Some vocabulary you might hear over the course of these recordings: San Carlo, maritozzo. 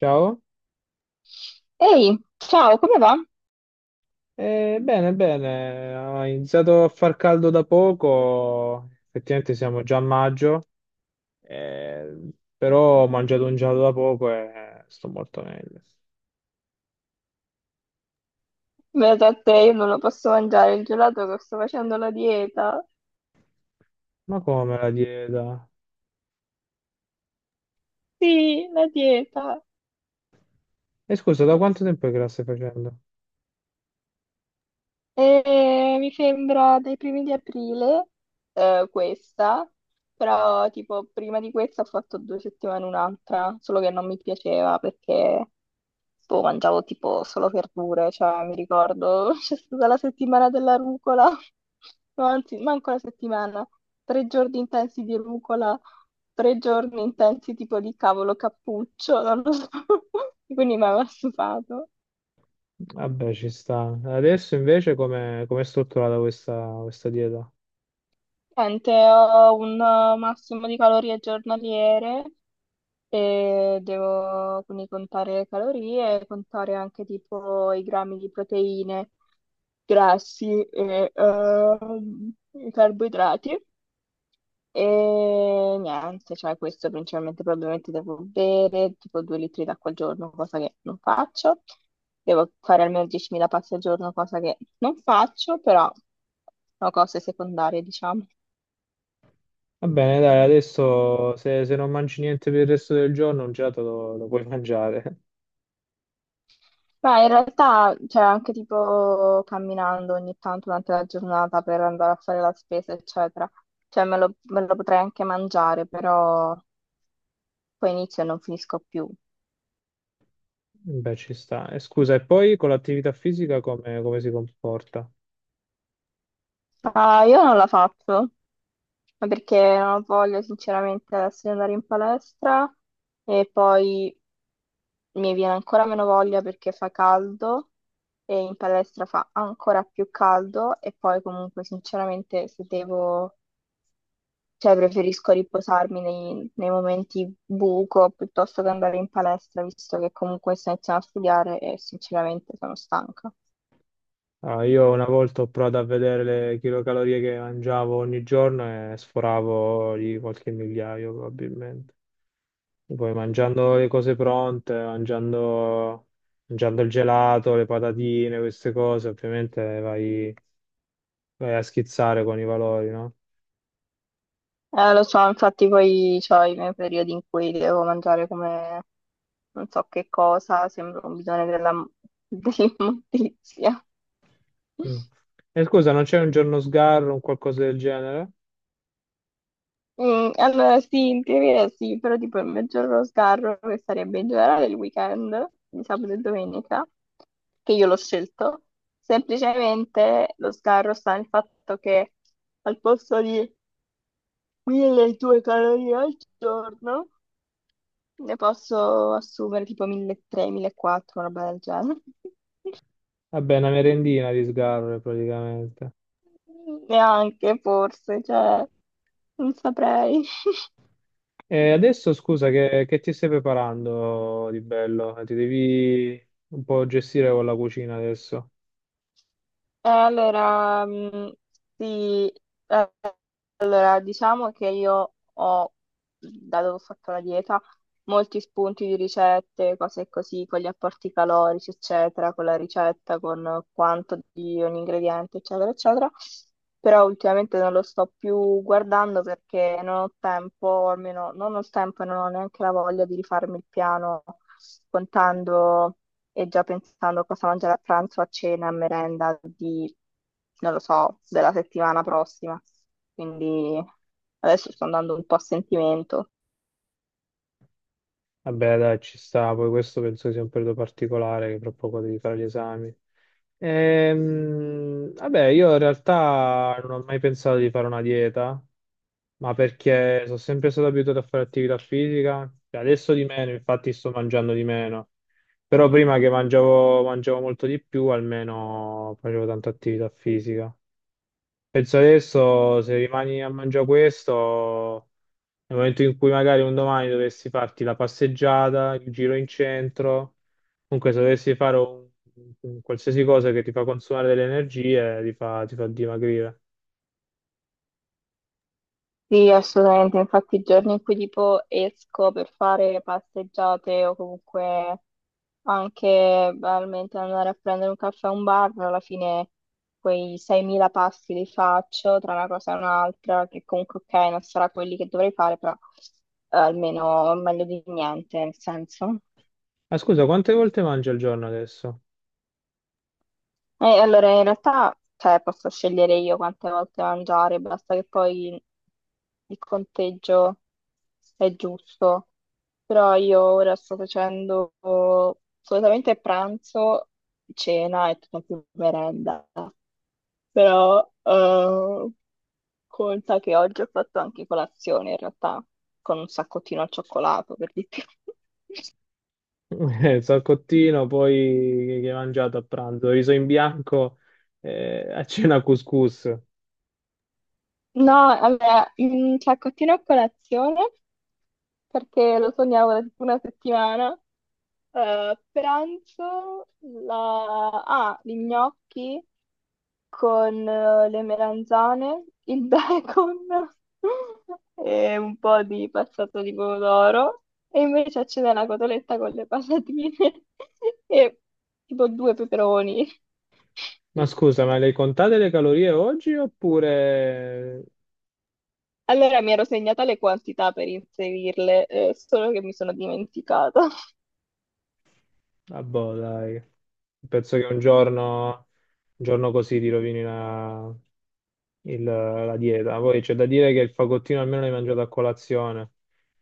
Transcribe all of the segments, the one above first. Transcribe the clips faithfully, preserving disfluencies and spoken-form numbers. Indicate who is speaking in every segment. Speaker 1: Ciao.
Speaker 2: Ehi, ciao, come va?
Speaker 1: Eh, bene, bene, ha iniziato a far caldo da poco, effettivamente siamo già a maggio, eh, però ho mangiato un gelato da poco e sto molto meglio.
Speaker 2: Beata a te, io non lo posso mangiare il gelato che sto facendo la dieta.
Speaker 1: Ma come la dieta?
Speaker 2: Sì, la dieta.
Speaker 1: E scusa, da quanto tempo che la stai facendo?
Speaker 2: E mi sembra dai primi di aprile, eh, questa, però tipo prima di questa ho fatto due settimane un'altra, solo che non mi piaceva perché Boh, mangiavo tipo solo verdure, cioè mi ricordo c'è stata la settimana della rucola, no, anzi, manco la settimana, tre giorni intensi di rucola, tre giorni intensi tipo di cavolo cappuccio, non lo so, quindi mi aveva stufato.
Speaker 1: Vabbè, ci sta. Adesso invece come come è strutturata questa, questa dieta?
Speaker 2: Niente, ho un eh, massimo di calorie giornaliere e devo quindi contare le calorie, e contare anche tipo i grammi di proteine grassi e ehm, i carboidrati. E niente, cioè questo principalmente probabilmente devo bere tipo due litri d'acqua al giorno, cosa che non faccio. Devo fare almeno diecimila passi al giorno, cosa che non faccio, però sono cose secondarie, diciamo.
Speaker 1: Va bene, dai, adesso se, se non mangi niente per il resto del giorno, un gelato lo, lo puoi mangiare.
Speaker 2: Ma in realtà, cioè, anche tipo camminando ogni tanto durante la giornata per andare a fare la spesa, eccetera, cioè me lo, me lo potrei anche mangiare, però poi inizio e non finisco più.
Speaker 1: Beh, ci sta. E scusa, e poi con l'attività fisica come, come si comporta?
Speaker 2: Ah, io non la faccio, ma perché non ho voglia sinceramente adesso di andare in palestra e poi mi viene ancora meno voglia perché fa caldo e in palestra fa ancora più caldo e poi comunque sinceramente se devo, cioè preferisco riposarmi nei, nei momenti buco piuttosto che andare in palestra visto che comunque sto iniziando a studiare e sinceramente sono stanca.
Speaker 1: Ah, io una volta ho provato a vedere le chilocalorie che mangiavo ogni giorno e sforavo di qualche migliaio probabilmente. E poi mangiando le cose pronte, mangiando, mangiando il gelato, le patatine, queste cose, ovviamente vai, vai a schizzare con i valori, no?
Speaker 2: Eh, lo so, infatti poi ho i miei periodi in cui devo mangiare come non so che cosa, sembra un bidone della, dell'immondizia.
Speaker 1: Mm. E scusa, non c'è un giorno sgarro, un qualcosa del genere?
Speaker 2: Mm, allora sì, in teoria sì, però tipo il maggior sgarro che sarebbe in generale il weekend di sabato e domenica, che io l'ho scelto, semplicemente lo sgarro sta nel fatto che al posto di milleduecento calorie al giorno ne posso assumere tipo milletrecento, millequattrocento, una roba del genere.
Speaker 1: Vabbè, una merendina di sgarro praticamente.
Speaker 2: Neanche forse, cioè, non saprei.
Speaker 1: E adesso scusa, che, che ti stai preparando di bello? Ti devi un po' gestire con la cucina adesso.
Speaker 2: Eh, allora, mh, sì, eh, allora, diciamo che io ho, dato che ho fatto la dieta, molti spunti di ricette, cose così, con gli apporti calorici, eccetera, con la ricetta, con quanto di ogni ingrediente, eccetera, eccetera. Però ultimamente non lo sto più guardando perché non ho tempo, o almeno non ho il tempo e non ho neanche la voglia di rifarmi il piano contando e già pensando a cosa mangiare a pranzo, a cena, a merenda di, non lo so, della settimana prossima. Quindi adesso sto andando un po' a sentimento.
Speaker 1: Vabbè, dai, ci sta. Poi questo penso sia un periodo particolare, che tra poco devi fare gli esami. Ehm, vabbè, io in realtà non ho mai pensato di fare una dieta, ma perché sono sempre stato abituato a fare attività fisica. E adesso di meno, infatti sto mangiando di meno. Però prima che mangiavo, mangiavo molto di più, almeno facevo tanta attività fisica. Penso adesso se rimani a mangiare questo, nel momento in cui magari un domani dovessi farti la passeggiata, il giro in centro, comunque se dovessi fare un, un qualsiasi cosa che ti fa consumare delle energie, ti fa, ti fa dimagrire.
Speaker 2: Sì, assolutamente. Infatti, i giorni in cui tipo esco per fare passeggiate o comunque anche banalmente andare a prendere un caffè a un bar, alla fine quei seimila passi li faccio tra una cosa e un'altra, che comunque, ok, non sarà quelli che dovrei fare, però eh, almeno meglio di niente, nel senso.
Speaker 1: Ah, scusa, quante volte mangi al giorno adesso?
Speaker 2: Eh, allora, in realtà, cioè, posso scegliere io quante volte mangiare, basta che poi il conteggio è giusto. Però io ora sto facendo solitamente pranzo, cena e tutta più merenda. Però eh, conta che oggi ho fatto anche colazione, in realtà, con un saccottino al cioccolato, per di più.
Speaker 1: Eh, Salcottino, poi che hai mangiato a pranzo? Riso in bianco, eh, a cena couscous.
Speaker 2: No, allora, un saccottino a colazione, perché lo sognavo da tipo una settimana. Eh, pranzo la... ah, gli gnocchi con eh, le melanzane, il bacon e un po' di passato di pomodoro. E invece a cena la cotoletta con le patatine e tipo due peperoni.
Speaker 1: Ma scusa, ma le hai contate le calorie oggi oppure?
Speaker 2: Allora mi ero segnata le quantità per inserirle, eh, solo che mi sono dimenticata.
Speaker 1: Ah, boh, dai. Penso che un giorno, un giorno così ti rovini la, il- la dieta. Poi c'è da dire che il fagottino almeno l'hai mangiato a colazione,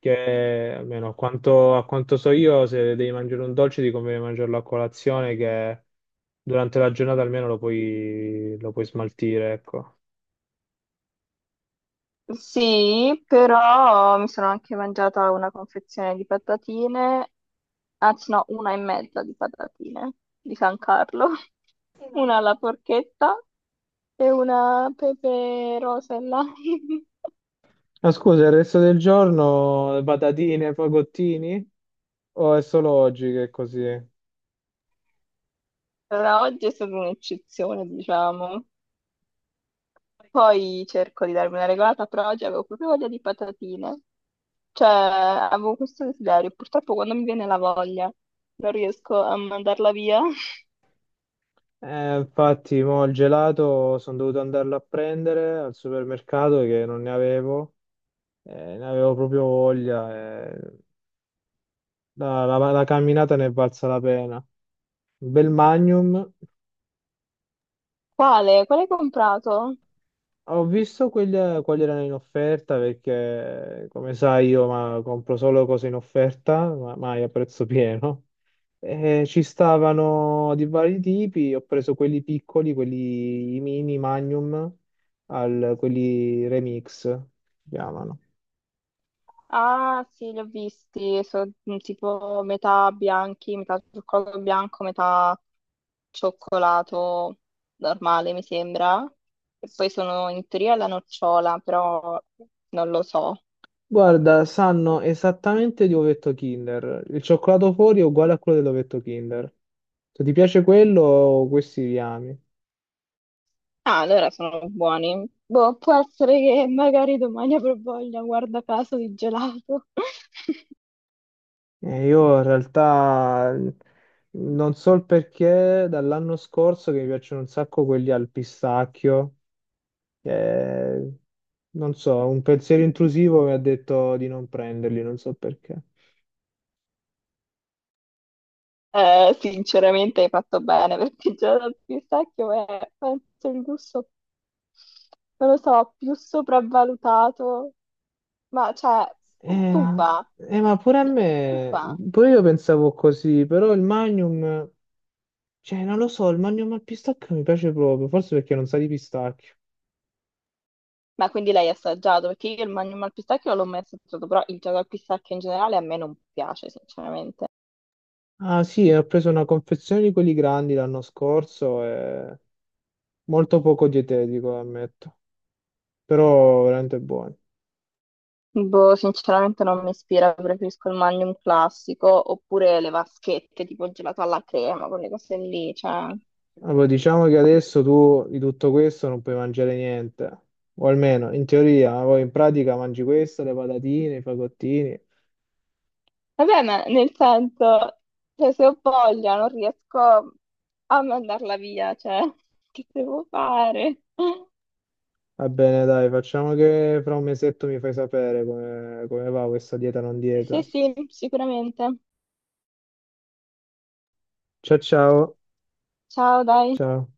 Speaker 1: che almeno a quanto, a quanto so io, se devi mangiare un dolce ti conviene mangiarlo a colazione, che durante la giornata almeno lo puoi, lo puoi smaltire, ecco.
Speaker 2: Sì, però mi sono anche mangiata una confezione di patatine, anzi no, una e mezza di patatine di San Carlo, una alla porchetta e una pepe rosa e lime.
Speaker 1: Ma scusa, il resto del giorno patatine, fagottini? O è solo oggi che è così?
Speaker 2: Allora, oggi è stata un'eccezione, diciamo. Poi cerco di darmi una regolata, però oggi avevo proprio voglia di patatine. Cioè, avevo questo desiderio. Purtroppo quando mi viene la voglia non riesco a mandarla via.
Speaker 1: Eh, infatti, mo il gelato sono dovuto andarlo a prendere al supermercato che non ne avevo, eh, ne avevo proprio voglia. eh. La, la- la camminata ne è valsa la pena. Un bel Magnum.
Speaker 2: Quale? Quale hai comprato?
Speaker 1: Ho visto quelle- quali erano in offerta perché, come sai, io ma, compro solo cose in offerta, ma mai a prezzo pieno. E ci stavano di vari tipi, ho preso quelli piccoli, quelli mini, Magnum, al- quelli Remix, si chiamano.
Speaker 2: Ah, sì, li ho visti, sono tipo metà bianchi, metà cioccolato bianco, metà cioccolato normale, mi sembra. E poi sono in teoria alla nocciola, però non lo so.
Speaker 1: Guarda, sanno esattamente di ovetto Kinder. Il cioccolato fuori è uguale a quello dell'ovetto Kinder. Se ti piace quello, questi li ami.
Speaker 2: Ah, allora sono buoni. Boh, può essere che magari domani avrò voglia, guarda caso, di gelato.
Speaker 1: Eh, io in realtà non so il perché dall'anno scorso che mi piacciono un sacco quelli al pistacchio. eh, Non so, un pensiero intrusivo mi ha detto di non prenderli, non so perché.
Speaker 2: Eh, sinceramente hai fatto bene, perché il gelato al pistacchio è, penso, il gusto, non lo so, più sopravvalutato. Ma cioè,
Speaker 1: Eh,
Speaker 2: stufa,
Speaker 1: eh, ma pure a me,
Speaker 2: stufa.
Speaker 1: pure io pensavo così, però il Magnum, cioè non lo so, il Magnum al pistacchio mi piace proprio, forse perché non sa di pistacchio.
Speaker 2: Ma quindi l'hai assaggiato? Perché io il Magnum al pistacchio non l'ho mai assaggiato, però il gelato al pistacchio in generale a me non piace, sinceramente.
Speaker 1: Ah sì, ho preso una confezione di quelli grandi l'anno scorso e molto poco dietetico, ammetto. Però veramente buoni.
Speaker 2: Boh, sinceramente non mi ispira, preferisco il Magnum classico, oppure le vaschette, tipo il gelato alla crema, quelle cose lì, cioè...
Speaker 1: Allora, diciamo che adesso tu di tutto questo non puoi mangiare niente, o almeno in teoria, ma poi in pratica mangi questo, le patatine, i fagottini.
Speaker 2: Vabbè, ma nel senso, cioè, se ho voglia non riesco a mandarla via, cioè, che devo fare?
Speaker 1: Va bene, dai, facciamo che fra un mesetto mi fai sapere come, come va questa dieta non
Speaker 2: Sì,
Speaker 1: dieta.
Speaker 2: sì, sicuramente.
Speaker 1: Ciao ciao,
Speaker 2: Ciao, dai.
Speaker 1: ciao.